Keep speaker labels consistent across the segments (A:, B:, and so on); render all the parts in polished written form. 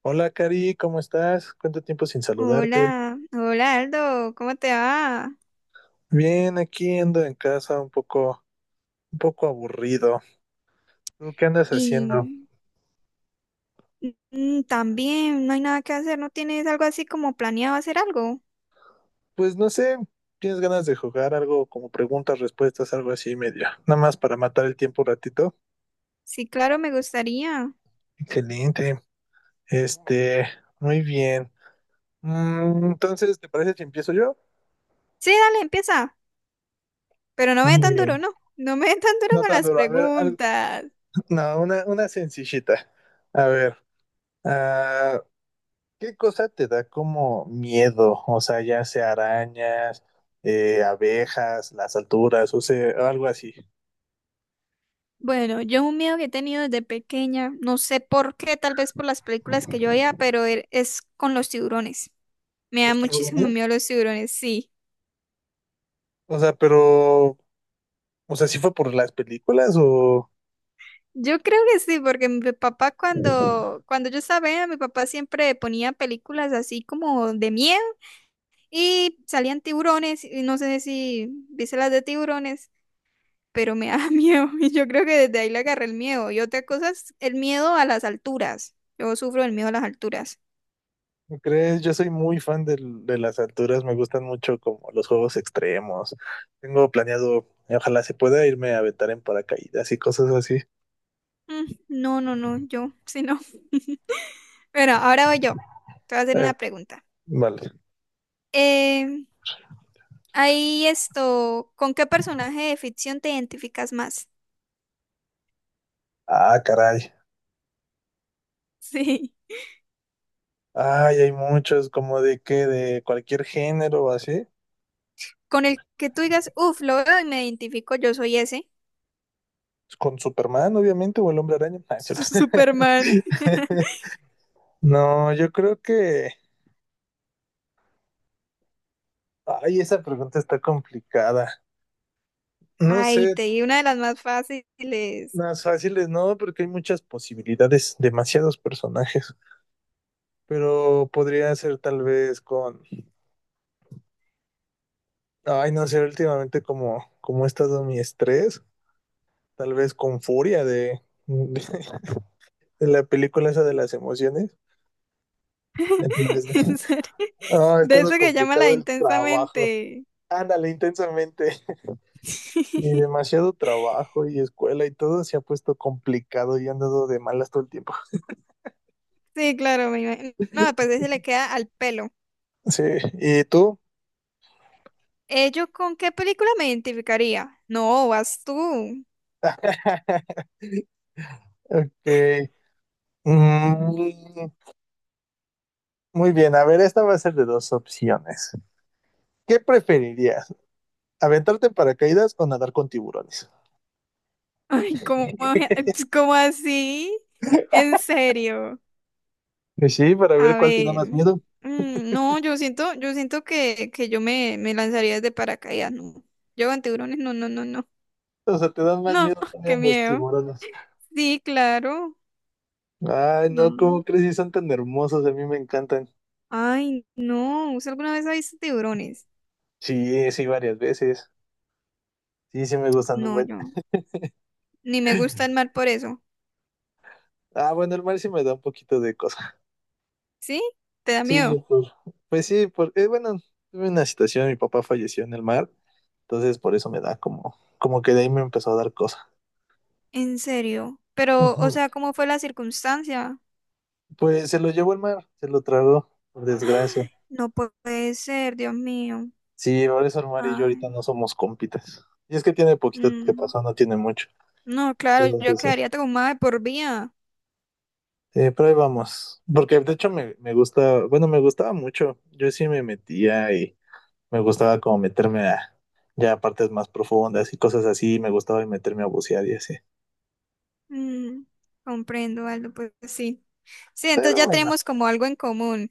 A: Hola Cari, ¿cómo estás? ¿Cuánto tiempo sin saludarte?
B: Hola, hola Aldo, ¿cómo te va?
A: Bien, aquí ando en casa un poco aburrido. ¿Tú qué andas haciendo?
B: Y mm, también no hay nada que hacer, ¿no tienes algo así como planeado hacer algo?
A: Pues no sé, ¿tienes ganas de jugar algo como preguntas, respuestas, algo así medio? Nada más para matar el tiempo un ratito.
B: Sí, claro, me gustaría.
A: Excelente. Este, Muy bien. Entonces, ¿te parece si empiezo yo?
B: Sí, dale, empieza, pero no me dé
A: Muy
B: tan duro,
A: bien.
B: no, no me dé tan duro
A: No
B: con
A: tan
B: las
A: duro. A ver,
B: preguntas.
A: no, una sencillita. A ver, ah, ¿qué cosa te da como miedo? O sea, ya sea arañas, abejas, las alturas, o sea, algo así.
B: Bueno, yo un miedo que he tenido desde pequeña, no sé por qué, tal vez por las películas que yo veía, pero es con los tiburones. Me da
A: ¿Los
B: muchísimo
A: tiburones?
B: miedo los tiburones, sí.
A: O sea, pero, o sea, ¿sí fue por las películas o
B: Yo creo que sí, porque mi papá cuando yo estaba, pequeña, mi papá siempre ponía películas así como de miedo y salían tiburones y no sé si viste las de tiburones, pero me da miedo y yo creo que desde ahí le agarré el miedo. Y otra cosa es el miedo a las alturas. Yo sufro el miedo a las alturas.
A: crees? Yo soy muy fan de las alturas, me gustan mucho como los juegos extremos. Tengo planeado, ojalá se pueda irme a aventar en paracaídas y cosas así.
B: Mm, no, no, no, yo, sí, no. Bueno, ahora voy yo. Te voy a hacer
A: Eh,
B: una pregunta.
A: vale.
B: Eh, ahí esto, ¿con qué personaje de ficción te identificas más?
A: Ah, caray.
B: Sí.
A: Ay, hay muchos, como de qué, de cualquier género o así.
B: Con el que tú digas, uff, lo veo y me identifico, yo soy ese.
A: Con Superman, obviamente, o el Hombre Araña. Ah, cierto.
B: Superman.
A: No, yo creo que... Ay, esa pregunta está complicada. No sé,
B: Ay, te di una de las más fáciles.
A: más fáciles no, porque hay muchas posibilidades, demasiados personajes. Pero podría ser tal vez con... Ay, no sé, últimamente como he estado mi estrés, tal vez con furia de la película esa de las emociones. Ya.
B: En serio.
A: Ah, ha
B: De
A: estado
B: eso que llama la de
A: complicado el trabajo.
B: intensamente.
A: Ándale, intensamente. Sí, demasiado trabajo y escuela y todo se ha puesto complicado y he andado de malas todo el tiempo.
B: Sí, claro, me imagino. No, pues ese le queda al pelo.
A: Sí, ¿y tú?
B: ¿Yo con qué película me identificaría? No, vas tú.
A: Ok. Mm, Muy bien, a ver, esta va a ser de dos opciones. ¿Qué preferirías? ¿Aventarte en paracaídas o nadar con tiburones?
B: Ay, ¿cómo, cómo así? En serio.
A: Pues sí, para ver
B: A
A: cuál te da
B: ver,
A: más miedo.
B: no, yo siento, yo siento que yo me lanzaría desde paracaídas, no. Yo con tiburones, no, no, no, no.
A: O sea, te dan más
B: No,
A: miedo
B: qué
A: también los
B: miedo.
A: tiburones.
B: Sí, claro.
A: Ay,
B: No,
A: no, ¿cómo
B: no.
A: crees? Sí, son tan hermosos, a mí me encantan.
B: Ay, no. ¿Usted alguna vez ha visto tiburones?
A: Sí, sí, varias veces. Sí, sí, me gustan un
B: No,
A: buen.
B: yo. Ni me gusta el mar por eso.
A: Ah, bueno, el mar sí me da un poquito de cosa.
B: ¿Sí? ¿Te da miedo?
A: Sí, pues sí, porque, bueno, tuve una situación, mi papá falleció en el mar, entonces por eso me da como, que de ahí me empezó a dar cosa.
B: En serio. Pero, o
A: Ujú.
B: sea, ¿cómo fue la circunstancia?
A: Pues se lo llevó el mar, se lo tragó, por
B: Ay,
A: desgracia.
B: no puede ser, Dios mío.
A: Sí, por eso el mar y yo ahorita
B: Ay.
A: no somos compitas. Y es que tiene poquito que
B: mm.
A: pasó, no tiene mucho.
B: No, claro,
A: Pero,
B: yo
A: pues, sí.
B: quedaría traumada de por vida.
A: Pero ahí vamos. Porque de hecho me gusta, bueno, me gustaba mucho. Yo sí me metía. Me gustaba como meterme a ya a partes más profundas y cosas así, me gustaba y meterme a bucear y así.
B: Mm, comprendo, Aldo, pues sí. Sí, entonces
A: Pero
B: ya
A: bueno,
B: tenemos como algo en común.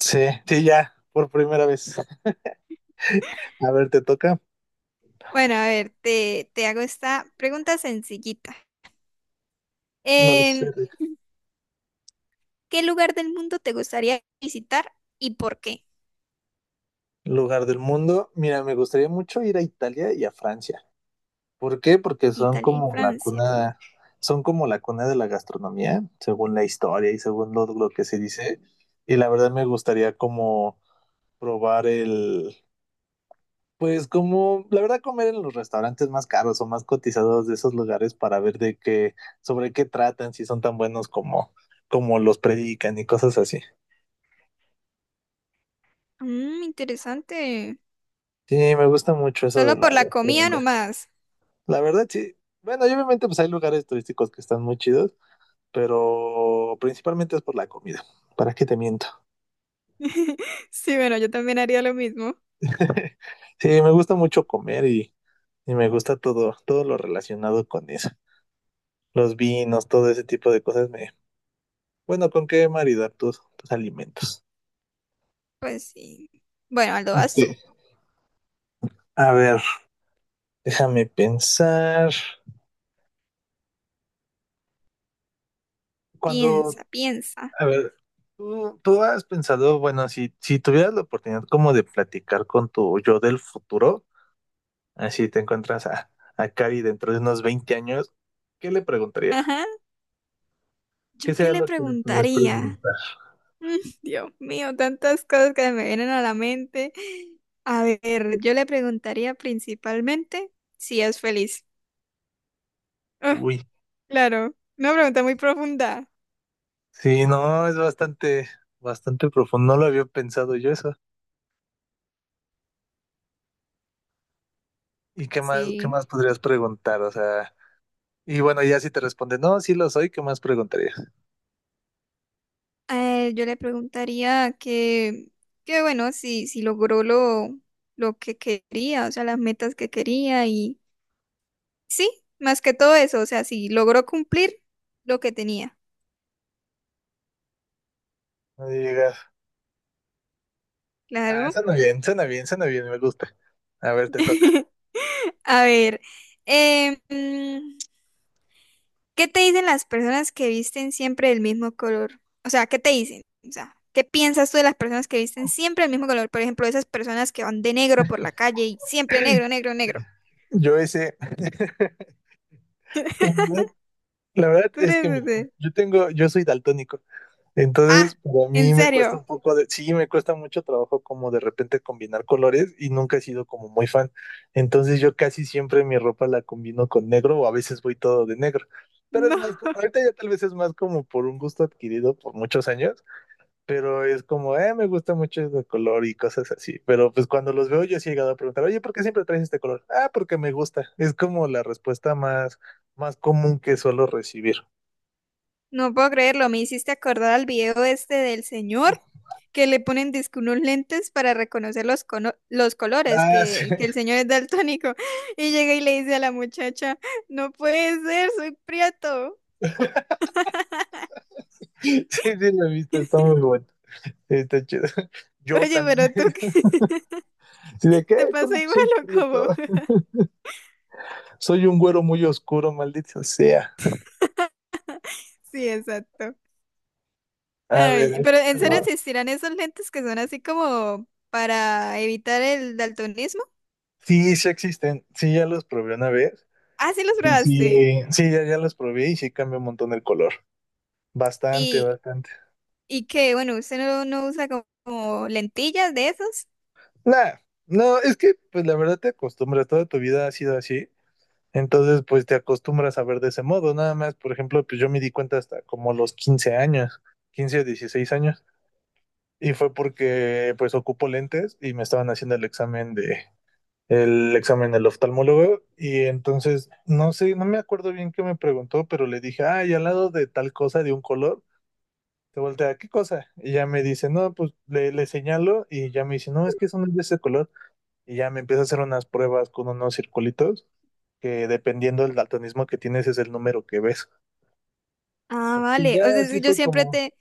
A: sí, sí, ya, por primera vez. A ver, te toca.
B: Bueno, a ver, te hago esta pregunta sencillita.
A: No lo sé.
B: Em, ¿Qué lugar del mundo te gustaría visitar y por qué?
A: Lugar del mundo. Mira, me gustaría mucho ir a Italia y a Francia. ¿Por qué? Porque
B: Italia y Francia.
A: son como la cuna de la gastronomía, según la historia y según lo que se dice. Y la verdad me gustaría como probar el, pues como la verdad comer en los restaurantes más caros o más cotizados de esos lugares para ver de qué, sobre qué tratan, si son tan buenos como, los predican y cosas así.
B: Mm, interesante.
A: Sí, me gusta mucho eso
B: Solo
A: de
B: por
A: la
B: la comida
A: gastronomía.
B: nomás.
A: La verdad, sí. Bueno, y obviamente pues hay lugares turísticos que están muy chidos, pero principalmente es por la comida. ¿Para qué te miento?
B: Sí, bueno, yo también haría lo mismo.
A: Sí, me gusta mucho comer y me gusta todo, todo lo relacionado con eso. Los vinos, todo ese tipo de cosas me, bueno, ¿con qué maridar tus alimentos?
B: Pues sí. Bueno, Aldo,
A: Ok.
B: vas tú.
A: A ver, déjame pensar. Cuando,
B: Piensa, piensa.
A: a ver, tú has pensado, bueno, si tuvieras la oportunidad como de platicar con tu yo del futuro, así te encuentras a Cari dentro de unos 20 años, ¿qué le preguntaría?
B: Ajá.
A: ¿Qué
B: ¿Yo qué
A: sería
B: le
A: lo que le podrías
B: preguntaría?
A: preguntar?
B: Mm, Dios mío, tantas cosas que me vienen a la mente. A ver, yo le preguntaría principalmente si es feliz. Ah,
A: Uy,
B: claro, una pregunta muy profunda.
A: sí, no, es bastante, bastante profundo. No lo había pensado yo eso. ¿Y qué
B: Sí.
A: más podrías preguntar? O sea, y bueno, ya si te responde, no, sí lo soy, ¿qué más preguntarías?
B: Yo le preguntaría que bueno, si logró lo que quería, o sea, las metas que quería y sí, más que todo eso, o sea, si logró cumplir lo que tenía.
A: No. Ah,
B: Claro.
A: suena bien, suena bien, suena bien, me gusta. A ver, te toca.
B: A ver, eh, ¿qué te dicen las personas que visten siempre del mismo color? O sea, ¿qué te dicen? O sea, ¿qué piensas tú de las personas que visten siempre el mismo color? Por ejemplo, esas personas que van de negro por la calle y siempre negro, negro, negro.
A: Yo ese, la verdad,
B: Tú
A: es que
B: eres
A: mira,
B: ese.
A: yo soy daltónico, entonces
B: Ah,
A: para
B: ¿en
A: mí me cuesta un
B: serio?
A: poco de, sí, me cuesta mucho trabajo como de repente combinar colores y nunca he sido como muy fan. Entonces yo casi siempre mi ropa la combino con negro o a veces voy todo de negro. Pero es
B: No.
A: más, ahorita ya tal vez es más como por un gusto adquirido por muchos años. Pero es como, me gusta mucho este color y cosas así. Pero pues cuando los veo yo sí he llegado a preguntar, oye, ¿por qué siempre traes este color? Ah, porque me gusta. Es como la respuesta más común que suelo recibir.
B: No puedo creerlo, me hiciste acordar al video este del señor que le ponen disque unos lentes para reconocer los, los colores,
A: Ah, sí,
B: que el señor es daltónico. Y llega y le dice a la muchacha, no puede ser, soy prieto.
A: sí, sí, la he visto, está muy bueno. Sí, está chido. Yo
B: Oye,
A: también. Sí, ¿de
B: ¿te
A: qué?
B: pasó
A: ¿Cómo que
B: igual
A: soy
B: o
A: prieto?
B: cómo?
A: Soy un güero muy oscuro, maldito sea.
B: Sí, exacto.
A: A ver.
B: Ay,
A: Ahí
B: pero
A: te
B: ¿en serio
A: va.
B: existirán esos lentes que son así como para evitar el daltonismo?
A: Sí, sí existen. Sí, ya los probé una vez.
B: Ah, sí los
A: Y
B: probaste.
A: sí, sí, ya, ya los probé y sí cambia un montón el color. Bastante,
B: Y,
A: bastante.
B: y qué bueno, usted no, no usa como, como lentillas de esos.
A: Nah, no, es que pues la verdad te acostumbras, toda tu vida ha sido así, entonces pues te acostumbras a ver de ese modo, nada más, por ejemplo, pues yo me di cuenta hasta como los 15 años, 15 o 16 años, y fue porque pues ocupo lentes y me estaban haciendo el examen del oftalmólogo, y entonces, no sé, no me acuerdo bien qué me preguntó, pero le dije, ay, al lado de tal cosa de un color. Se voltea, ¿qué cosa? Y ya me dice, no, pues le señalo y ya me dice, no, es que eso no es de ese color. Y ya me empiezo a hacer unas pruebas con unos circulitos que dependiendo del daltonismo que tienes es el número que ves.
B: Ah,
A: Y
B: vale.
A: ya
B: O sea,
A: así
B: es yo
A: fue
B: siempre
A: como,
B: te,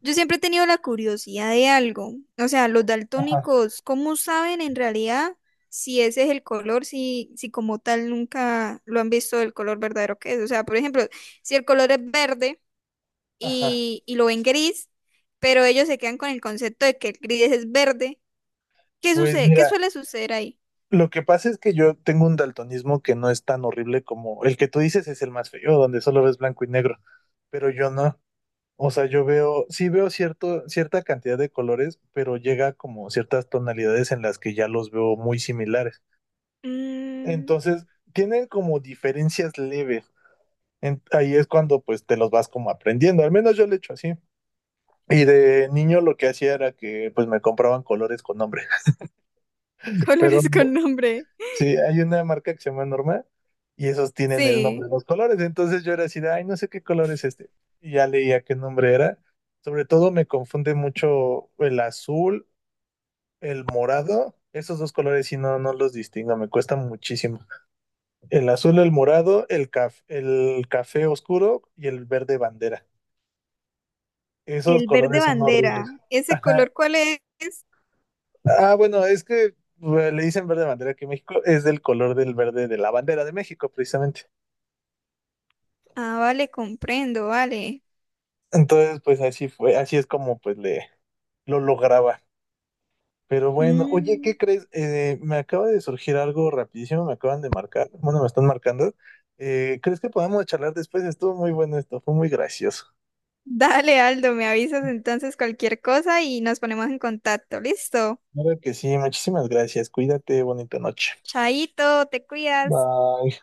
B: Yo siempre he tenido la curiosidad de algo. O sea, los
A: ajá,
B: daltónicos, ¿cómo saben en realidad si ese es el color, si como tal nunca lo han visto el color verdadero que es? O sea, por ejemplo, si el color es verde
A: ajá.
B: y lo ven gris, pero ellos se quedan con el concepto de que el gris es verde, ¿qué
A: Pues
B: sucede? ¿Qué
A: mira,
B: suele suceder ahí?
A: lo que pasa es que yo tengo un daltonismo que no es tan horrible como el que tú dices es el más feo, donde solo ves blanco y negro, pero yo no. O sea, yo veo, sí veo cierto, cierta cantidad de colores, pero llega como ciertas tonalidades en las que ya los veo muy similares.
B: Mm,
A: Entonces, tienen como diferencias leves, ahí es cuando pues te los vas como aprendiendo, al menos yo lo he hecho así. Y de niño lo que hacía era que pues me compraban colores con nombre, pero
B: colores con nombre.
A: sí, hay una marca que se llama Norma y esos tienen el nombre
B: Sí,
A: de los colores, entonces yo era así de, ay, no sé qué color es este, y ya leía qué nombre era. Sobre todo me confunde mucho el azul, el morado, esos dos colores si no, no los distingo, me cuesta muchísimo. El azul, el morado, el el café oscuro y el verde bandera. Esos
B: el verde
A: colores son horribles.
B: bandera. ¿Ese
A: Ajá.
B: color cuál es?
A: Ah, bueno, es que bueno, le dicen verde bandera, que México es del color del verde de la bandera de México, precisamente.
B: Ah, vale, comprendo, vale.
A: Entonces, pues así fue, así es como pues le lo lograba. Pero bueno, oye, ¿qué
B: Mm.
A: crees? Me acaba de surgir algo rapidísimo, me acaban de marcar, bueno, me están marcando. ¿Crees que podamos charlar después? Estuvo muy bueno esto, fue muy gracioso.
B: Dale, Aldo, me avisas entonces cualquier cosa y nos ponemos en contacto. Listo.
A: Claro que sí, muchísimas gracias. Cuídate, bonita noche.
B: Chaito, te cuidas.
A: Bye.